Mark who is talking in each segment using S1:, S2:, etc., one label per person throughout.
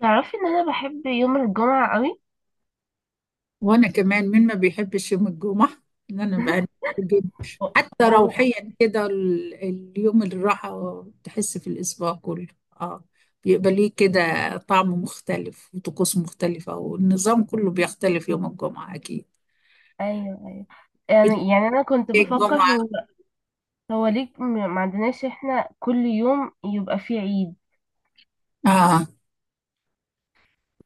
S1: تعرفي ان انا بحب يوم الجمعة قوي؟
S2: وانا كمان، مين ما بيحبش يوم الجمعه؟ ان انا بقى، جدا.
S1: أو.
S2: حتى
S1: أو.
S2: روحيا كده، اليوم الراحه تحس في الاسبوع كله. اه، بيبقى ليه كده طعم مختلف وطقوس مختلفه، والنظام كله بيختلف يوم الجمعه اكيد.
S1: ايوه.
S2: إيه،
S1: يعني انا كنت بفكر
S2: الجمعه،
S1: هو. هو ليه ما عندناش احنا كل يوم يبقى فيه عيد؟
S2: اه.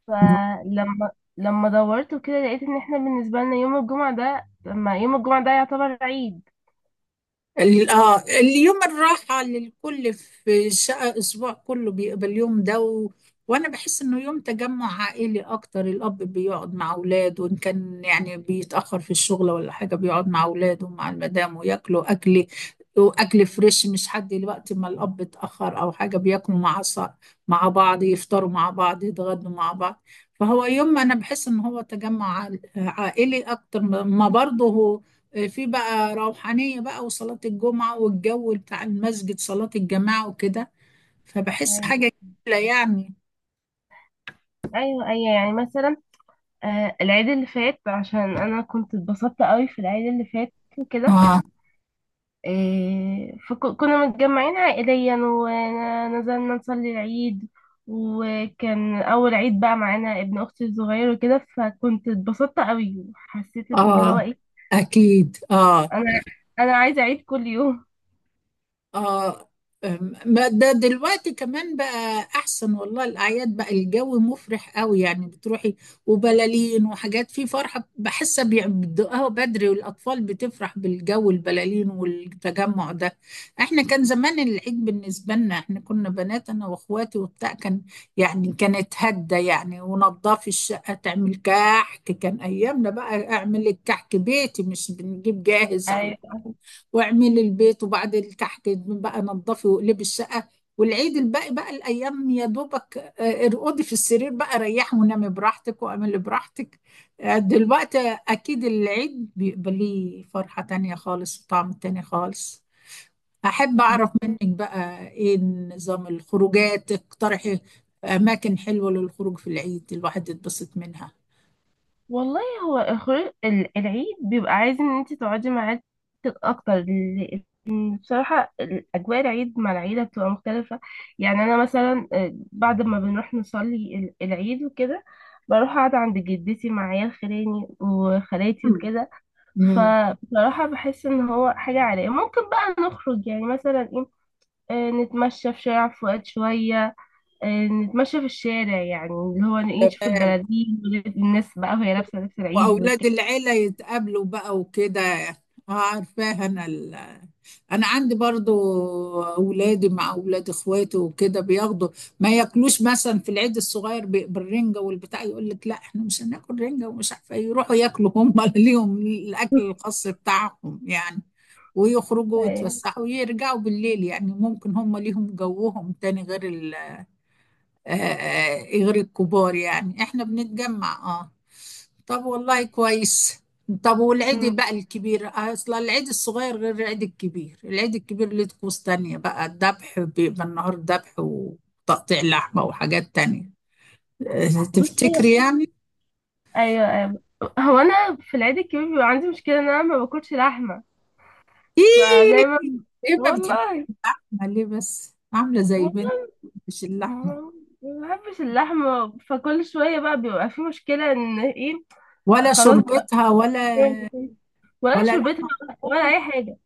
S1: فلما لما دورت وكده لقيت ان احنا بالنسبة لنا يوم الجمعة ده لما يوم الجمعة ده يعتبر عيد.
S2: اليوم الراحة للكل في شقة أسبوع كله، بيبقى اليوم ده وأنا بحس إنه يوم تجمع عائلي أكتر، الأب بيقعد مع أولاده، وإن كان يعني بيتأخر في الشغل ولا حاجة بيقعد مع أولاده ومع المدام وياكلوا أكل، وأكل فريش مش حد وقت ما الأب اتأخر أو حاجة. بياكلوا مع مع بعض، يفطروا مع بعض، يتغدوا مع بعض. فهو يوم أنا بحس إن هو تجمع عائلي أكتر، ما برضه هو في بقى روحانية بقى وصلاة الجمعة والجو بتاع المسجد، صلاة الجماعة وكده. فبحس
S1: ايوه،
S2: حاجة جميلة يعني.
S1: ايوه، ايوه. يعني مثلا العيد اللي فات عشان انا كنت اتبسطت قوي في العيد اللي فات وكده.
S2: اه،
S1: فكنا متجمعين عائليا ونزلنا نصلي العيد. وكان أول عيد بقى معانا ابن أختي الصغير وكده فكنت اتبسطت قوي وحسيت اللي هو
S2: اه،
S1: إيه.
S2: اكيد، اه.
S1: أنا أنا عايزة أعيد كل يوم.
S2: اه، ما ده دلوقتي كمان بقى احسن، والله الاعياد بقى الجو مفرح قوي يعني، بتروحي وبلالين وحاجات، في فرحه بحسها بيبدأها بدري، والاطفال بتفرح بالجو، البلالين والتجمع ده. احنا كان زمان العيد بالنسبه لنا، احنا كنا بنات، انا واخواتي وبتاع، كان يعني كانت هده يعني، ونضفي الشقه تعمل كحك، كان ايامنا بقى اعمل الكحك بيتي مش بنجيب جاهز على
S1: أيوة.
S2: البحر. واعملي البيت، وبعد اللي تحت بقى نظفي واقلبي الشقه. والعيد الباقي بقى الايام يا دوبك، ارقدي في السرير بقى، ريحي ونامي براحتك واعملي براحتك. دلوقتي اكيد العيد بيبقى ليه فرحه تانية خالص وطعم تاني خالص. احب اعرف منك بقى ايه نظام الخروجات، اقترحي اماكن حلوه للخروج في العيد الواحد يتبسط منها.
S1: والله هو الخروج العيد بيبقى عايز ان انت تقعدي مع عيلتك اكتر، لأن بصراحة اجواء العيد مع العيلة بتبقى مختلفة. يعني انا مثلا، بعد ما بنروح نصلي العيد وكده بروح اقعد عند جدتي مع عيال خلاني وخالاتي وكده.
S2: مم.
S1: فبصراحة بحس ان هو حاجة عائلية ممكن بقى نخرج يعني مثلا ايه؟ نتمشى في شارع فؤاد شوية. نتمشى في الشارع يعني اللي هو إيه، نشوف البلالين والناس بقى وهي لابسة لبس العيد
S2: واولاد
S1: والكلام.
S2: العيله يتقابلوا بقى وكده. اه، عارفاها انا عندي برضو، اولادي مع اولاد اخواتي وكده بياخدوا. ما ياكلوش مثلا في العيد الصغير بالرنجه والبتاع، يقول لك لا احنا مش هناكل رنجه ومش عارفه إيه. يروحوا ياكلوا هم ليهم الاكل الخاص بتاعهم يعني. ويخرجوا
S1: أيوة.
S2: ويتفسحوا ويرجعوا بالليل، يعني ممكن هم ليهم جوهم تاني غير غير الكبار، يعني احنا بنتجمع، اه. طب، والله كويس. طب
S1: أمم،
S2: والعيد بقى الكبير، اصل العيد الصغير غير العيد الكبير، العيد الكبير ليه طقوس تانية بقى، الذبح بيبقى النهار ذبح وتقطيع لحمة وحاجات تانية.
S1: بصي.
S2: تفتكري يعني؟
S1: أيوة، أيوة. هو أنا في العيد الكبير بيبقى عندي مشكلة إن أنا ما باكلش لحمة،
S2: ايه
S1: فدايما،
S2: ايه ما بتحبش
S1: والله،
S2: اللحمة ليه؟ بس عاملة زي بنت،
S1: والله،
S2: مش اللحمة،
S1: ما ما بحبش اللحمة فكل شوية بقى بيبقى في مشكلة إن إيه.
S2: ولا
S1: خلاص بقى.
S2: شربتها، ولا
S1: ولا
S2: ولا
S1: شربتها
S2: لحمة
S1: ولا أي
S2: مفرومة.
S1: حاجة.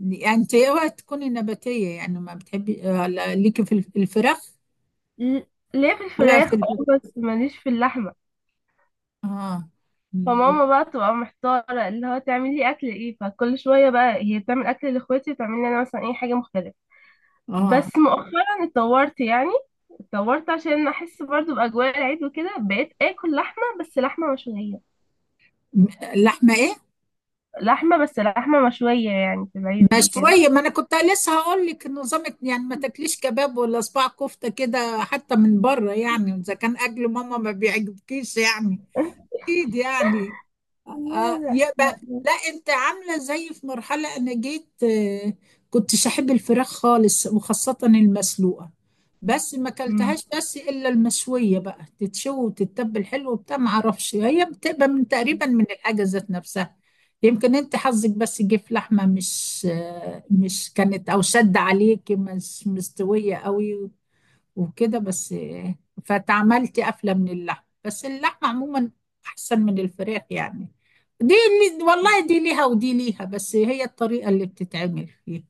S2: يعني انت اوعي تكوني نباتية، يعني ما بتحبي. لا ليكي في الفراخ،
S1: ل- ليه في
S2: ولا في
S1: الفراخ اه
S2: الف...
S1: بس ماليش في اللحمة.
S2: اه م-
S1: فماما بقى تبقى محتارة اللي هو تعمل لي أكل إيه، فكل شوية بقى هي بتعمل أكل لإخواتي وتعمل لي أنا مثلا أي حاجة مختلفة.
S2: اه
S1: بس مؤخرا اتطورت يعني. اتطورت عشان أحس برضو بأجواء العيد وكده بقيت آكل لحمة بس لحمة مشوية.
S2: م- لحمة ايه؟
S1: لحمة بس لحمة مشوية يعني في العيد وكده.
S2: مشوية. ما انا كنت لسه هقول لك نظامك، يعني ما تاكليش كباب ولا صباع كفتة كده حتى من بره، يعني اذا كان اكل ماما ما بيعجبكيش يعني، اكيد يعني.
S1: لا،
S2: آه، يبقى
S1: لا، لا.
S2: لا، انت عامله زي في مرحله انا جيت، كنتش احب الفراخ خالص وخاصه المسلوقه، بس ما
S1: مم.
S2: اكلتهاش، بس الا المشويه بقى تتشوي وتتبل حلو وبتاع، ما اعرفش هي بتبقى من تقريبا من الحاجه ذات نفسها. يمكن انت حظك بس جه في لحمه مش مش كانت او شد عليك، مش مستويه قوي وكده بس. فتعملت قفلة من اللحم، بس اللحمة عموما أحسن من الفراخ يعني، دي اللي والله دي ليها ودي ليها، بس هي الطريقة اللي بتتعمل فيها.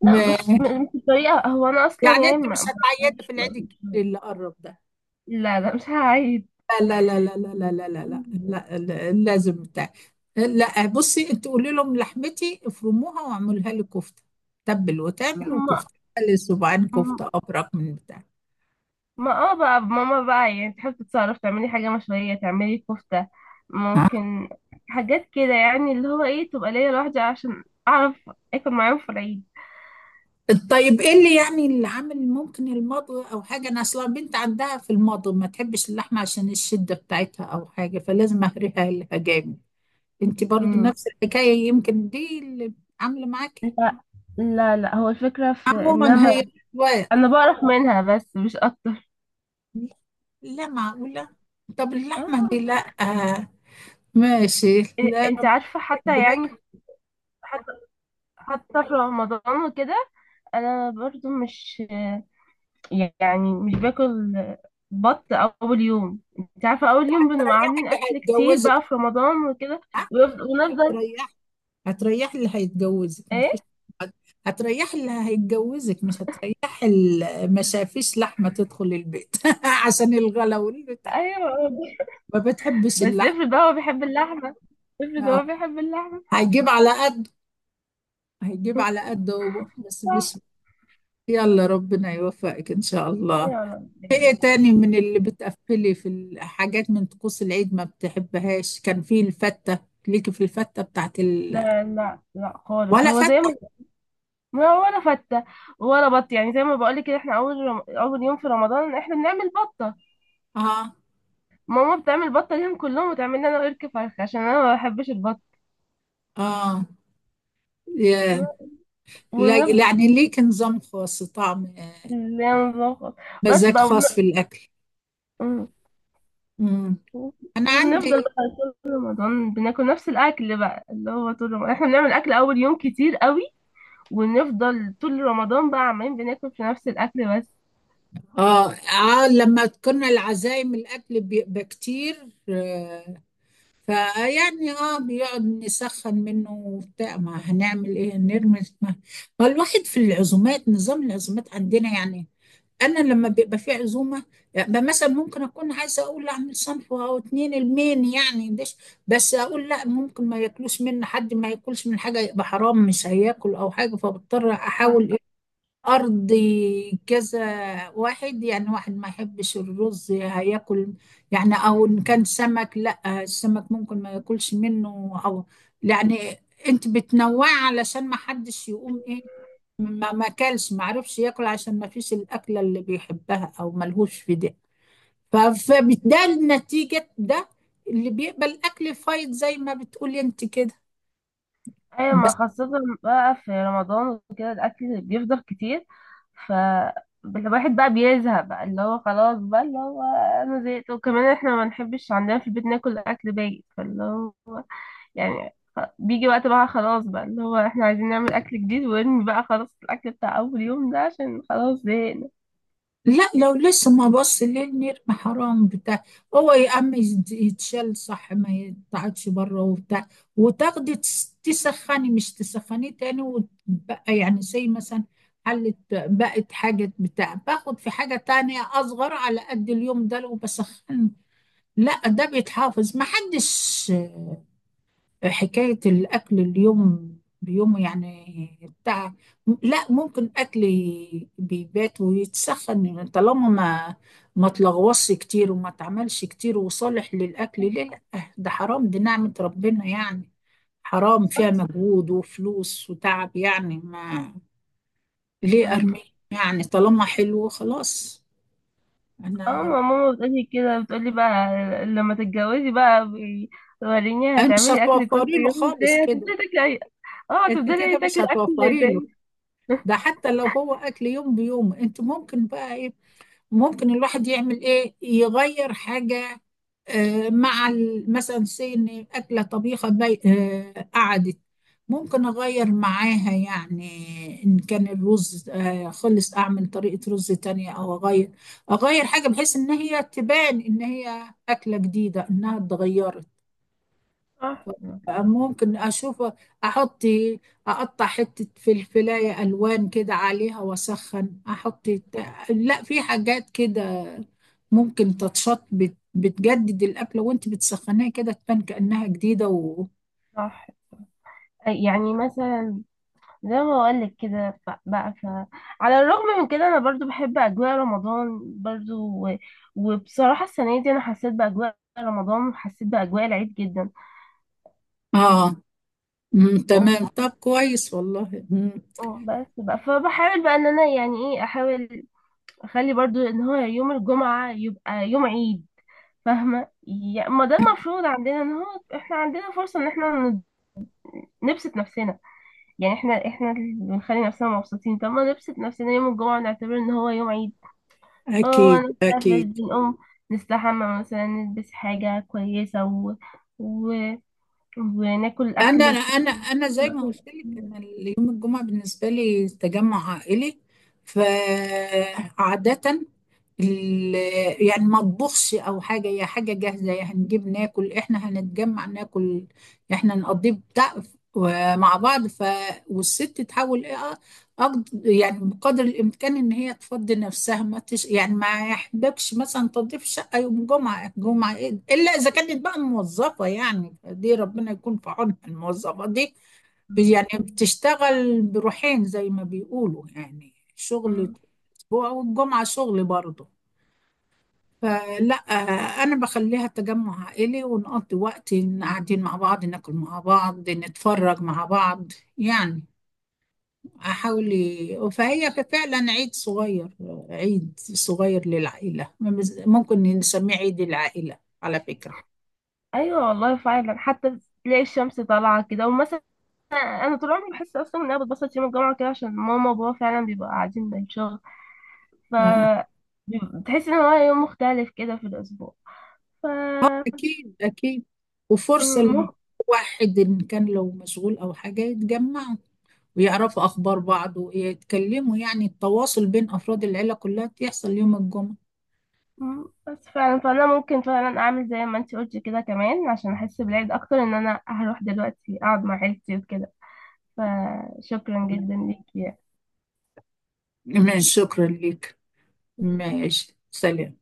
S1: لا مش
S2: م-
S1: مش الطريقة، هو أنا أصلا
S2: يعني
S1: يعني
S2: أنت مش
S1: ما. ما-
S2: هتعيط في
S1: مش
S2: العيد
S1: ما-
S2: الكبير
S1: مش-
S2: اللي قرب ده؟
S1: لا، لا، مش هعيد.
S2: لا لا لا لا لا لا لا لا لا، لا، لا لازم بتاع. لا بصي، أنت قولي لهم لحمتي افرموها واعملها لي كفتة، تبل وتعمل وكفتة، خلي صباعين
S1: هما.
S2: كفتة أبرك من بتاع.
S1: ما بقى ماما بقى يعني تحب تتصرف تعملي حاجة مشوية تعملي كفتة ممكن حاجات كده يعني اللي هو ايه تبقى ليا لوحدي عشان اعرف اكل معاهم في العيد.
S2: طيب ايه اللي يعني اللي عامل، ممكن المضغ او حاجه، انا اصلا بنت عندها في المضغ ما تحبش اللحمه عشان الشده بتاعتها او حاجه، فلازم اهريها لها جامد. انت برضو
S1: امم.
S2: نفس الحكايه، يمكن دي اللي عامله معاكي.
S1: لا، لا، لا. هو الفكرة في ان
S2: عموما
S1: انا
S2: هي أذواق.
S1: انا بعرف منها بس مش اكتر.
S2: لا معقوله. طب اللحمه
S1: اه.
S2: دي لا، ماشي. لا
S1: انت عارفة
S2: دي
S1: حتى يعني. حتى حتى في رمضان وكده انا برضو مش يعني مش باكل بط اول يوم، انت عارفه، اول يوم بنبقى
S2: هتريح
S1: عاملين
S2: اللي
S1: اكل كتير
S2: هيتجوزك.
S1: بقى في رمضان وكده.
S2: ها؟
S1: ونفضل
S2: هتريح هتريح اللي هيتجوزك مفيش.
S1: ايه.
S2: هتريح اللي هيتجوزك، مش هتريح اللي ما شافيش لحمة تدخل البيت عشان الغلا والبتاع،
S1: ايوه.
S2: ما بتحبش
S1: بس
S2: اللحم.
S1: افرض هو بيحب اللحمه، افرض هو
S2: آه.
S1: بيحب اللحمه.
S2: هيجيب على قد هيجيب على قد هو، بس
S1: صح.
S2: مش. يلا، ربنا يوفقك إن شاء الله.
S1: يا رب.
S2: في ايه تاني من اللي بتقفلي في الحاجات من طقوس العيد ما بتحبهاش؟ كان في الفتة، ليكي في الفتة بتاعت
S1: لا، لا، لا خالص.
S2: ولا
S1: هو زي ما
S2: فتة؟
S1: ما هو ولا فته ولا بط، يعني زي ما بقولك كده احنا اول يوم في رمضان احنا بنعمل بطه.
S2: اه،
S1: ماما بتعمل بطه ليهم كلهم وتعمل لي انا ورك فرخ عشان انا ما بحبش البط.
S2: اه، يا-
S1: ونفضل
S2: يعني ليك نظام خاص، طعم،
S1: لا، نظبط. بس
S2: مزاج
S1: بقى.
S2: خاص في الأكل.
S1: مم.
S2: مم. انا
S1: وبنفضل
S2: عندي،
S1: بقى طول رمضان بناكل نفس الاكل بقى اللي هو طول رمضان احنا بنعمل اكل اول يوم كتير قوي. ونفضل طول رمضان بقى عمالين بناكل في نفس الاكل بس.
S2: اه لما كنا العزايم الاكل بيبقى كتير، فيعني، بيقعد نسخن منه وبتاع، ما هنعمل ايه، نرمي؟ ما الواحد في العزومات، نظام العزومات عندنا يعني، انا لما بيبقى في عزومه يعني، مثلا ممكن اكون عايزه اقول اعمل صنف او اتنين المين يعني دش، بس اقول لا، ممكن ما ياكلوش مني حد، ما ياكلش من حاجه يبقى حرام مش هياكل او حاجه، فبضطر
S1: صح.
S2: احاول أرضي كذا واحد، يعني واحد ما يحبش الرز هياكل يعني، أو إن كان سمك لا السمك ممكن ما ياكلش منه، أو يعني. أنت بتنوعي علشان ما حدش يقوم إيه، ما ما كلش، ما عرفش ياكل عشان ما فيش الأكلة اللي بيحبها أو ملهوش في ده. ف- فبالتالي نتيجة ده، اللي بيقبل أكل فايض زي ما بتقولي أنت كده.
S1: ايوه ما خاصة بقى في رمضان وكده الاكل بيفضل كتير. ف الواحد بقى بيزهق بقى اللي هو خلاص بقى اللي هو انا زهقت. وكمان احنا ما بنحبش عندنا في البيت ناكل اكل بايت فاللي هو يعني. بيجي وقت بقى خلاص بقى اللي هو احنا عايزين نعمل اكل جديد وارمي بقى خلاص الاكل بتاع اول يوم ده عشان خلاص زهقنا.
S2: لا لو لسه، ما بص ليه النرمة حرام بتاع، هو يا عم يتشال، صح، ما يتقعدش بره وبتاع، وتاخدي تسخني، مش تسخنيه تاني، وتبقى يعني زي مثلا حلت، بقت حاجة بتاع، باخد في حاجة تانية أصغر على قد اليوم ده لو بسخن. لا، ده بيتحافظ، محدش حكاية الأكل اليوم بيوم يعني بتاع. لا ممكن أكل بيبات ويتسخن، طالما ما تلغوصش كتير وما تعملش كتير، وصالح للأكل، ليه لا؟ ده حرام، دي نعمة ربنا يعني، حرام فيها مجهود وفلوس وتعب يعني، ما ليه أرميه؟ يعني طالما حلو خلاص.
S1: اه
S2: أنا
S1: ما ماما بتقولي كده بتقولي بقى لما تتجوزي بقى، وريني
S2: أنا مش
S1: هتعملي اكل كل
S2: هتوفري له
S1: يوم
S2: خالص
S1: ازاي،
S2: كده.
S1: هتفضلي تاكلي اه
S2: أنت
S1: هتفضلي
S2: كده مش
S1: تاكلي اكل
S2: هتوفري له،
S1: تاني.
S2: ده حتى لو هو اكل يوم بيوم، انت ممكن بقى ايه؟ ممكن الواحد يعمل ايه؟ يغير حاجه. آه مع مثلا سي ان اكله طبيخه بي آه قعدت، ممكن اغير معاها يعني، ان كان الرز خلص اعمل طريقه رز تانية، او اغير، اغير حاجه بحيث ان هي تبان ان هي اكله جديده، انها اتغيرت.
S1: صح.
S2: ممكن اشوف، احط، اقطع حتة فلفلاية الوان كده عليها واسخن، احط. لا، في حاجات كده ممكن تتشط، بتجدد الأكلة وانت بتسخنيها كده، تبان كأنها جديدة
S1: صح. يعني مثلا زي ما بقولك كده، على الرغم من كده انا برضو بحب اجواء رمضان برضو. و... وبصراحة السنة دي انا حسيت باجواء رمضان وحسيت باجواء العيد جدا.
S2: اه،
S1: أه،
S2: تمام، طب كويس والله.
S1: أه، بس بقى فبحاول بقى ان انا يعني ايه احاول اخلي برضو ان هو يوم الجمعة يبقى يوم عيد. فاهمة يعني ما ده المفروض عندنا ان هو احنا عندنا فرصة ان احنا نبسط نفسنا. يعني احنا اللي بنخلي نفسنا مبسوطين. طب ما نبسط نفسنا يوم الجمعة ونعتبر ان هو يوم عيد. اه
S2: اكيد،
S1: نستفرش
S2: اكيد.
S1: بنقوم نستحمى مثلا نلبس حاجة كويسة و... وناكل
S2: انا
S1: أكل
S2: انا
S1: كويس.
S2: انا زي ما قلت لك ان يوم الجمعه بالنسبه لي تجمع عائلي، فعاده ال- يعني ما اطبخش او حاجه، هي حاجه جاهزه يعني، هنجيب ناكل، احنا هنتجمع ناكل، احنا نقضي بتاع مع بعض، ف، والست تحاول ايه، يعني بقدر الإمكان إن هي تفضي نفسها، ما تش... يعني ما يحبكش مثلا تنظيف شقة يوم جمعة، جمعة إيه؟ إلا إذا كانت بقى موظفة يعني، دي ربنا يكون في عونها الموظفة دي،
S1: مم.
S2: يعني بتشتغل بروحين زي ما بيقولوا، يعني شغل
S1: مم.
S2: أسبوع والجمعة شغل برضه. فلا، أنا بخليها تجمع عائلي، ونقضي وقت إن قاعدين مع بعض، ناكل مع بعض، نتفرج مع بعض يعني، احاول فهي فعلا عيد صغير، عيد صغير للعائلة، ممكن نسميه عيد العائلة على فكرة.
S1: أيوة والله فعلا حتى تلاقي الشمس طالعة كده ومثلا أنا طول عمري بحس أصلا إن أنا بتبسط يوم الجمعة كده عشان ماما وبابا فعلا بيبقوا قاعدين من الشغل. ف
S2: آه.
S1: بتحس إن هو يوم مختلف كده في الأسبوع. ف
S2: اكيد، اكيد، وفرصة
S1: مم.
S2: لواحد ان كان لو مشغول او حاجة يتجمعوا، ويعرفوا اخبار بعض ويتكلموا، يعني التواصل بين افراد العيلة كلها بيحصل يوم الجمعة.
S1: مم. بس فعلا فانا ممكن فعلا اعمل زي ما انت قلتي كده كمان عشان احس بالعيد اكتر ان انا هروح دلوقتي اقعد مع عيلتي وكده. فشكرا جدا ليكي.
S2: تمام، شكرا لك. ماشي، سلام.